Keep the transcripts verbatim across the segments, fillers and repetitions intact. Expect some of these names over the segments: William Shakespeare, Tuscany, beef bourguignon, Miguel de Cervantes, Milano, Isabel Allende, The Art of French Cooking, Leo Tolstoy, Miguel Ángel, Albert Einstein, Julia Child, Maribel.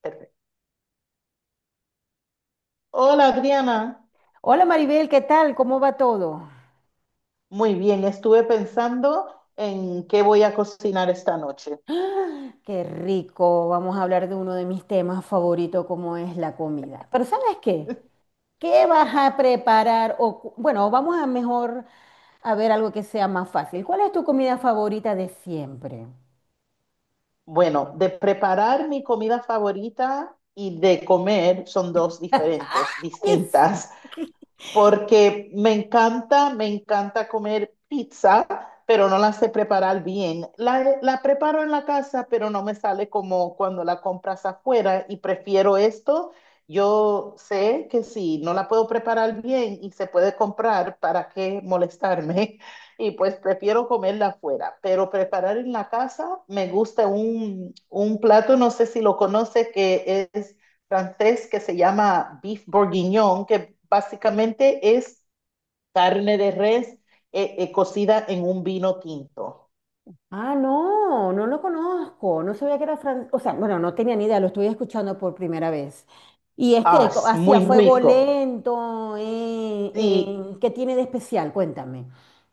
Perfecto. Hola Adriana, Hola Maribel, ¿qué tal? ¿Cómo va todo? muy bien, estuve pensando en qué voy a cocinar esta noche. Qué rico, vamos a hablar de uno de mis temas favoritos, como es la comida. Pero ¿sabes qué? ¿Qué vas a preparar? O, cu- bueno, vamos a mejor a ver algo que sea más fácil. ¿Cuál es tu comida favorita de siempre? Bueno, de preparar mi comida favorita y de comer son dos diferentes, Yes. distintas. Porque me encanta, me encanta comer pizza, pero no la sé preparar bien. La, la preparo en la casa, pero no me sale como cuando la compras afuera y prefiero esto. Yo sé que si no la puedo preparar bien y se puede comprar, ¿para qué molestarme? Y pues prefiero comerla afuera, pero preparar en la casa me gusta un, un plato, no sé si lo conoce, que es francés que se llama beef bourguignon, que básicamente es carne de res eh, eh, cocida en un vino tinto. Ah, no, no lo conozco, no sabía que era francés, o sea, bueno, no tenía ni idea, lo estoy escuchando por primera vez. Y es Ah, que co- es hacía muy fuego rico. lento, eh, Sí, eh, ¿qué tiene de especial? Cuéntame.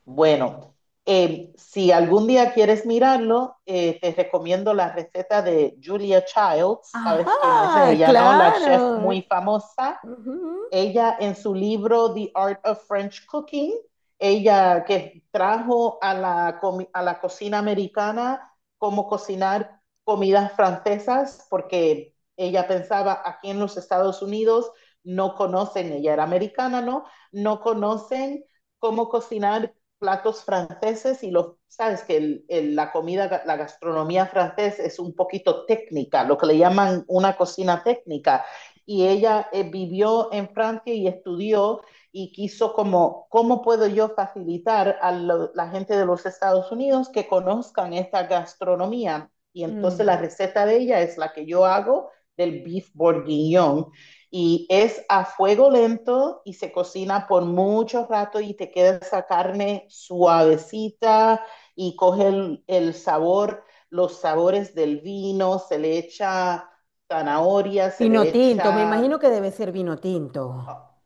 bueno, eh, si algún día quieres mirarlo, eh, te recomiendo la receta de Julia Childs, ¿sabes quién es Ajá, ella, no? La chef claro. muy famosa. Ujú. Ella en su libro The Art of French Cooking, ella que trajo a la, a la cocina americana cómo cocinar comidas francesas, porque ella pensaba aquí en los Estados Unidos no conocen, ella era americana, ¿no? No conocen cómo cocinar platos franceses y los, sabes que el, el, la comida, la gastronomía francesa es un poquito técnica, lo que le llaman una cocina técnica. Y ella eh, vivió en Francia y estudió y quiso como, ¿cómo puedo yo facilitar a lo, la gente de los Estados Unidos que conozcan esta gastronomía? Y entonces Mm. la receta de ella es la que yo hago del beef bourguignon, y es a fuego lento y se cocina por mucho rato y te queda esa carne suavecita y coge el, el sabor, los sabores del vino, se le echa zanahoria, se Vino le tinto, me imagino echa que debe ser vino tinto.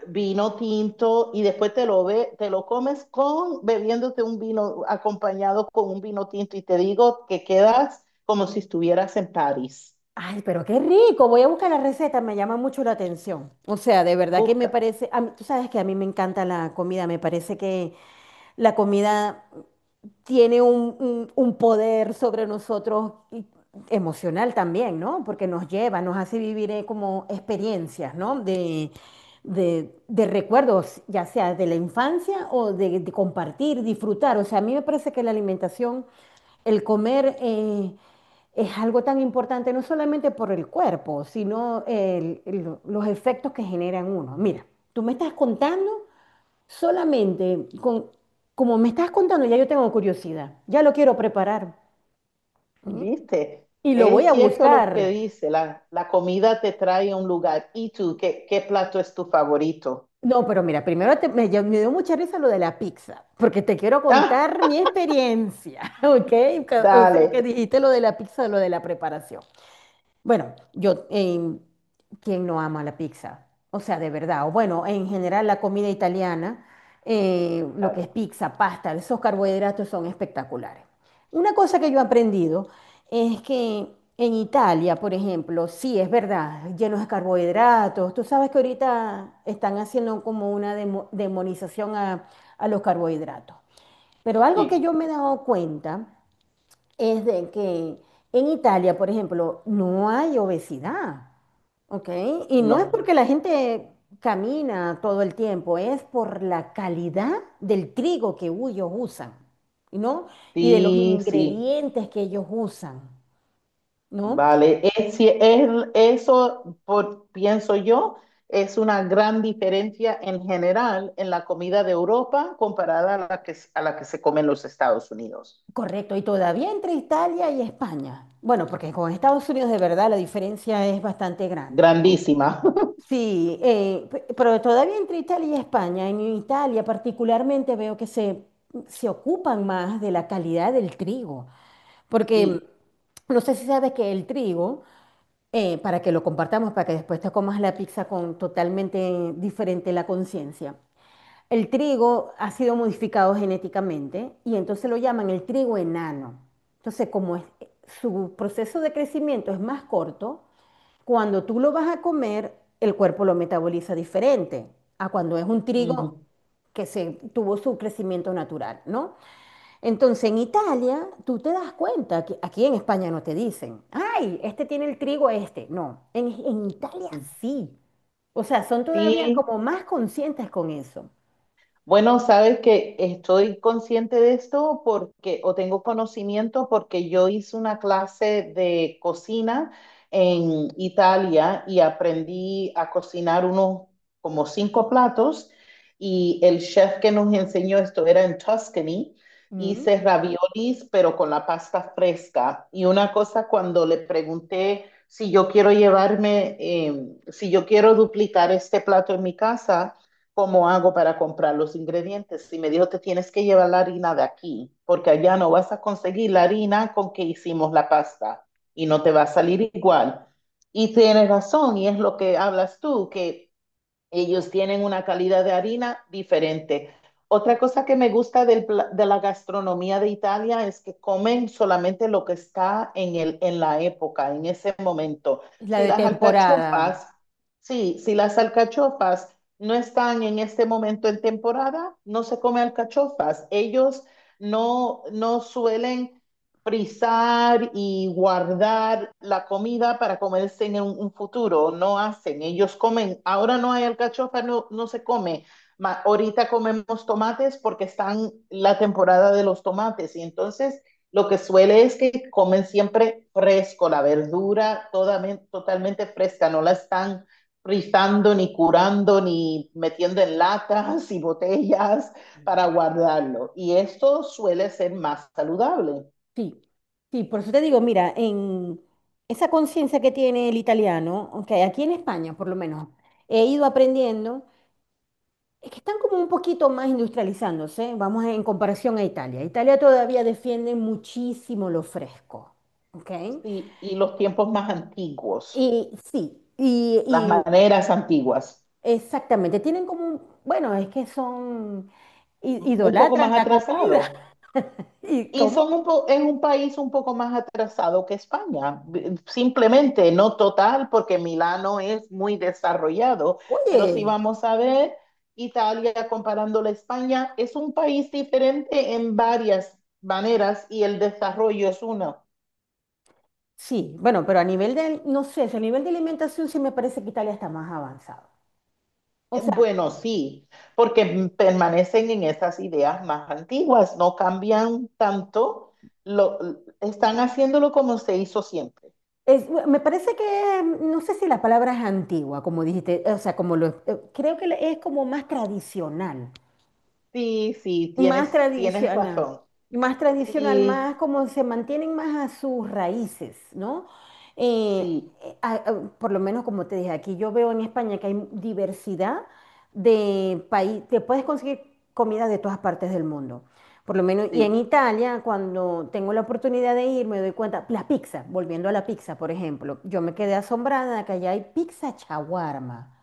vino tinto y después te lo ve, te lo comes con bebiéndote un vino acompañado con un vino tinto y te digo que quedas como si estuvieras en París. Ay, pero qué rico, voy a buscar la receta, me llama mucho la atención. O sea, de verdad que me Busca, parece, a mí- tú sabes que a mí me encanta la comida, me parece que la comida tiene un, un- un poder sobre nosotros y- emocional también, ¿no? Porque nos lleva, nos hace vivir eh, como experiencias, ¿no? De, de- de recuerdos, ya sea de la infancia o de, de compartir, disfrutar. O sea, a mí me parece que la alimentación, el comer, eh, es algo tan importante, no solamente por el cuerpo, sino el- el- los efectos que generan uno. Mira, tú me estás contando. Solamente con, como me estás contando, ya yo tengo curiosidad, ya lo quiero preparar ¿eh? ¿viste? Y lo voy Es a cierto lo que buscar. dice, la, la comida te trae a un lugar. ¿Y tú qué, qué plato es tu favorito? No, pero mira, primero te- me, ya- me dio mucha risa lo de la pizza, porque te quiero Ah, contar mi experiencia, ¿ok? Que- O dale. sea, que dijiste lo de la pizza, lo de la preparación. Bueno, yo, em, ¿quién no ama la pizza? O sea, de verdad, o bueno, en general la comida italiana, eh, lo que es Claro. pizza, pasta, esos carbohidratos son espectaculares. Una cosa que yo he aprendido es que en Italia, por ejemplo, sí es verdad, llenos de carbohidratos. Tú sabes que ahorita están haciendo como una demo- demonización a, a los carbohidratos. Pero algo que yo Sí, me he dado cuenta es de que en Italia, por ejemplo, no hay obesidad, ¿ok? Y no es no. porque la gente camina todo el tiempo, es por la calidad del trigo que ellos usan, ¿no? Y de los Sí, sí. ingredientes que ellos usan, ¿no? Vale, es, si es, eso por, pienso yo es una gran diferencia en general en la comida de Europa comparada a la que, a la que se come en los Estados Unidos. Correcto, y todavía entre Italia y España. Bueno, porque con Estados Unidos de verdad la diferencia es bastante grande. Grandísima. Sí, eh, pe- pero todavía entre Italia y España, en Italia particularmente veo que se, se ocupan más de la calidad del trigo, porque Sí. no sé si sabes que el trigo, eh, para que lo compartamos, para que después te comas la pizza con totalmente diferente la conciencia, el trigo ha sido modificado genéticamente y entonces lo llaman el trigo enano. Entonces, como es- eh, su proceso de crecimiento es más corto, cuando tú lo vas a comer, el cuerpo lo metaboliza diferente a cuando es un trigo Ujú. que se tuvo su crecimiento natural, ¿no? Entonces, en Italia, tú te das cuenta que aquí en España no te dicen, ay, este tiene el trigo este. No, en, en Italia sí. O sea, son todavía Sí, como más conscientes con eso. bueno, sabes que estoy consciente de esto porque, o tengo conocimiento porque yo hice una clase de cocina en Italia y aprendí a cocinar unos como cinco platos, y el chef que nos enseñó esto era en Tuscany. Mm. Hice raviolis, pero con la pasta fresca. Y una cosa, cuando le pregunté si yo quiero llevarme, eh, si yo quiero duplicar este plato en mi casa, ¿cómo hago para comprar los ingredientes? Y me dijo, te tienes que llevar la harina de aquí, porque allá no vas a conseguir la harina con que hicimos la pasta y no te va a salir igual. Y tienes razón, y es lo que hablas tú, que ellos tienen una calidad de harina diferente. Otra cosa que me gusta del pla- de la gastronomía de Italia es que comen solamente lo que está en el, en la época, en ese momento. La Si de las temporada. alcachofas, sí, si las alcachofas no están en este momento en temporada, no se come alcachofas. Ellos no, no suelen frizar y guardar la comida para comerse en un, un futuro. No hacen, ellos comen. Ahora no hay alcachofa, no, no se come. Ma- ahorita comemos tomates porque están la temporada de los tomates y entonces lo que suele es que comen siempre fresco, la verdura todamen- totalmente fresca, no la están frizando ni curando ni metiendo en latas y botellas para guardarlo. Y esto suele ser más saludable. Sí, sí, por eso te digo, mira, en esa conciencia que tiene el italiano, aunque aquí en España por lo menos he ido aprendiendo, es que están como un poquito más industrializándose, vamos en comparación a Italia. Italia todavía defiende muchísimo lo fresco, ¿ok? Sí, y los tiempos más antiguos, Y sí, y, las y maneras antiguas, exactamente, tienen como un, bueno, es que son, i- un poco idolatran más la comida. atrasado. ¿Y Y cómo? son un po- es un país un poco más atrasado que España, B- simplemente no total, porque Milano es muy desarrollado, pero si Oye. vamos a ver Italia comparándola a España, es un país diferente en varias maneras y el desarrollo es uno. Sí, bueno, pero a nivel de, no sé, si a nivel de alimentación sí me parece que Italia está más avanzado. O Eh, sea, Bueno, sí, porque permanecen en esas ideas más antiguas, no cambian tanto, lo, están haciéndolo como se hizo siempre. es- me parece que, mm, no sé si la palabra es antigua, como dijiste, o sea, como lo, eh, creo que le- es como más tradicional. Sí, sí, Más tienes, tienes tradicional, razón. más tradicional, Sí, más como se mantienen más a sus raíces, ¿no? Eh, sí, eh, a- a- por lo menos como te dije, aquí yo veo en España que hay diversidad de país, te puedes conseguir comida de todas partes del mundo. Por lo menos, y en sí. Italia, cuando tengo la oportunidad de ir, me doy cuenta, la pizza, volviendo a la pizza, por ejemplo, yo me quedé asombrada de que allá hay pizza chaguarma.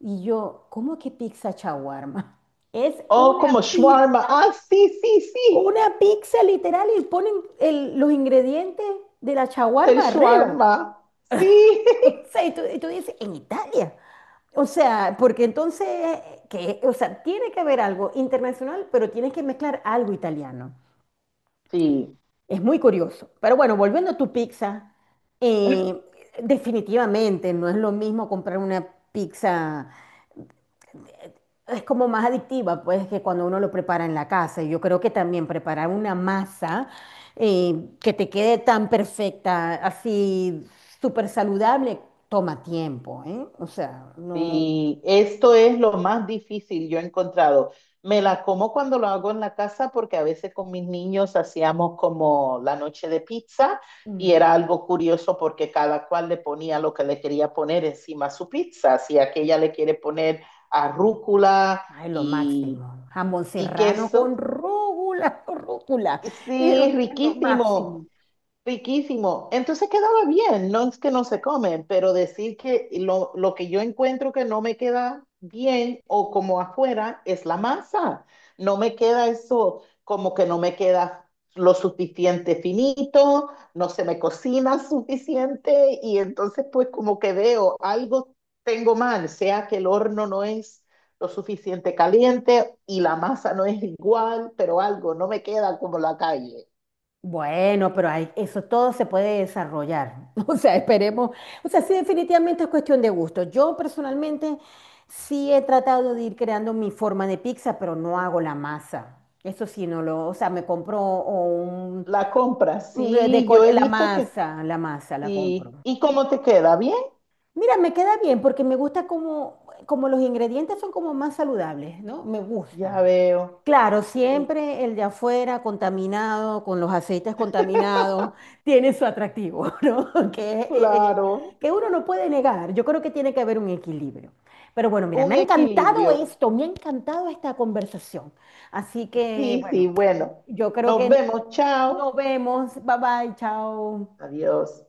Y yo, ¿cómo que pizza chaguarma? Es Oh, una como shawarma. pizza Ah, sí, sí, sí, una pizza literal y ponen el- los ingredientes de la del shawarma arriba. shawarma. Sí, O sea, y tú, y tú dices, en Italia. O sea, porque entonces, que, o sea, tiene que haber algo internacional, pero tienes que mezclar algo italiano. sí. Es muy curioso. Pero bueno, volviendo a tu pizza, eh, definitivamente no es lo mismo comprar una pizza. Es como más adictiva, pues, que cuando uno lo prepara en la casa. Y yo creo que también preparar una masa eh, que te quede tan perfecta, así súper saludable, toma tiempo, ¿eh? O sea, no... Sí, esto es lo más difícil yo he encontrado. Me la como cuando lo hago en la casa porque a veces con mis niños hacíamos como la noche de pizza y mm, era algo curioso porque cada cual le ponía lo que le quería poner encima a su pizza. Si aquella le quiere poner arrúcula ay, lo y, máximo. Jamón y serrano con queso. rúcula, rúcula. Es Sí, lo máximo. riquísimo. Riquísimo. Entonces quedaba bien, no es que no se comen, pero decir que lo, lo que yo encuentro que no me queda bien o como afuera es la masa. No me queda eso, como que no me queda lo suficiente finito, no se me cocina suficiente y entonces pues como que veo algo tengo mal, sea que el horno no es lo suficiente caliente y la masa no es igual, pero algo no me queda como la calle. Bueno, pero hay- eso todo se puede desarrollar. O sea, esperemos. O sea, sí, definitivamente es cuestión de gusto. Yo personalmente sí he tratado de ir creando mi forma de pizza, pero no hago la masa. Eso sí, no lo. O sea, me compro o un, La compra, un de- de sí, yo col- he la visto que masa, la masa la sí. compro. ¿Y cómo te queda? ¿Bien? Mira, me queda bien porque me gusta como, como los ingredientes son como más saludables, ¿no? Me Ya gusta. veo. Claro, Sí, siempre el de afuera contaminado, con los aceites contaminados, tiene su atractivo, ¿no? Que, eh, eh, claro, que uno no puede negar. Yo creo que tiene que haber un equilibrio. Pero bueno, mira, me un ha encantado equilibrio. esto, me ha encantado esta conversación. Así que, Sí, sí, bueno, bueno. yo creo Nos que vemos, nos chao. vemos. Bye bye, chao. Adiós.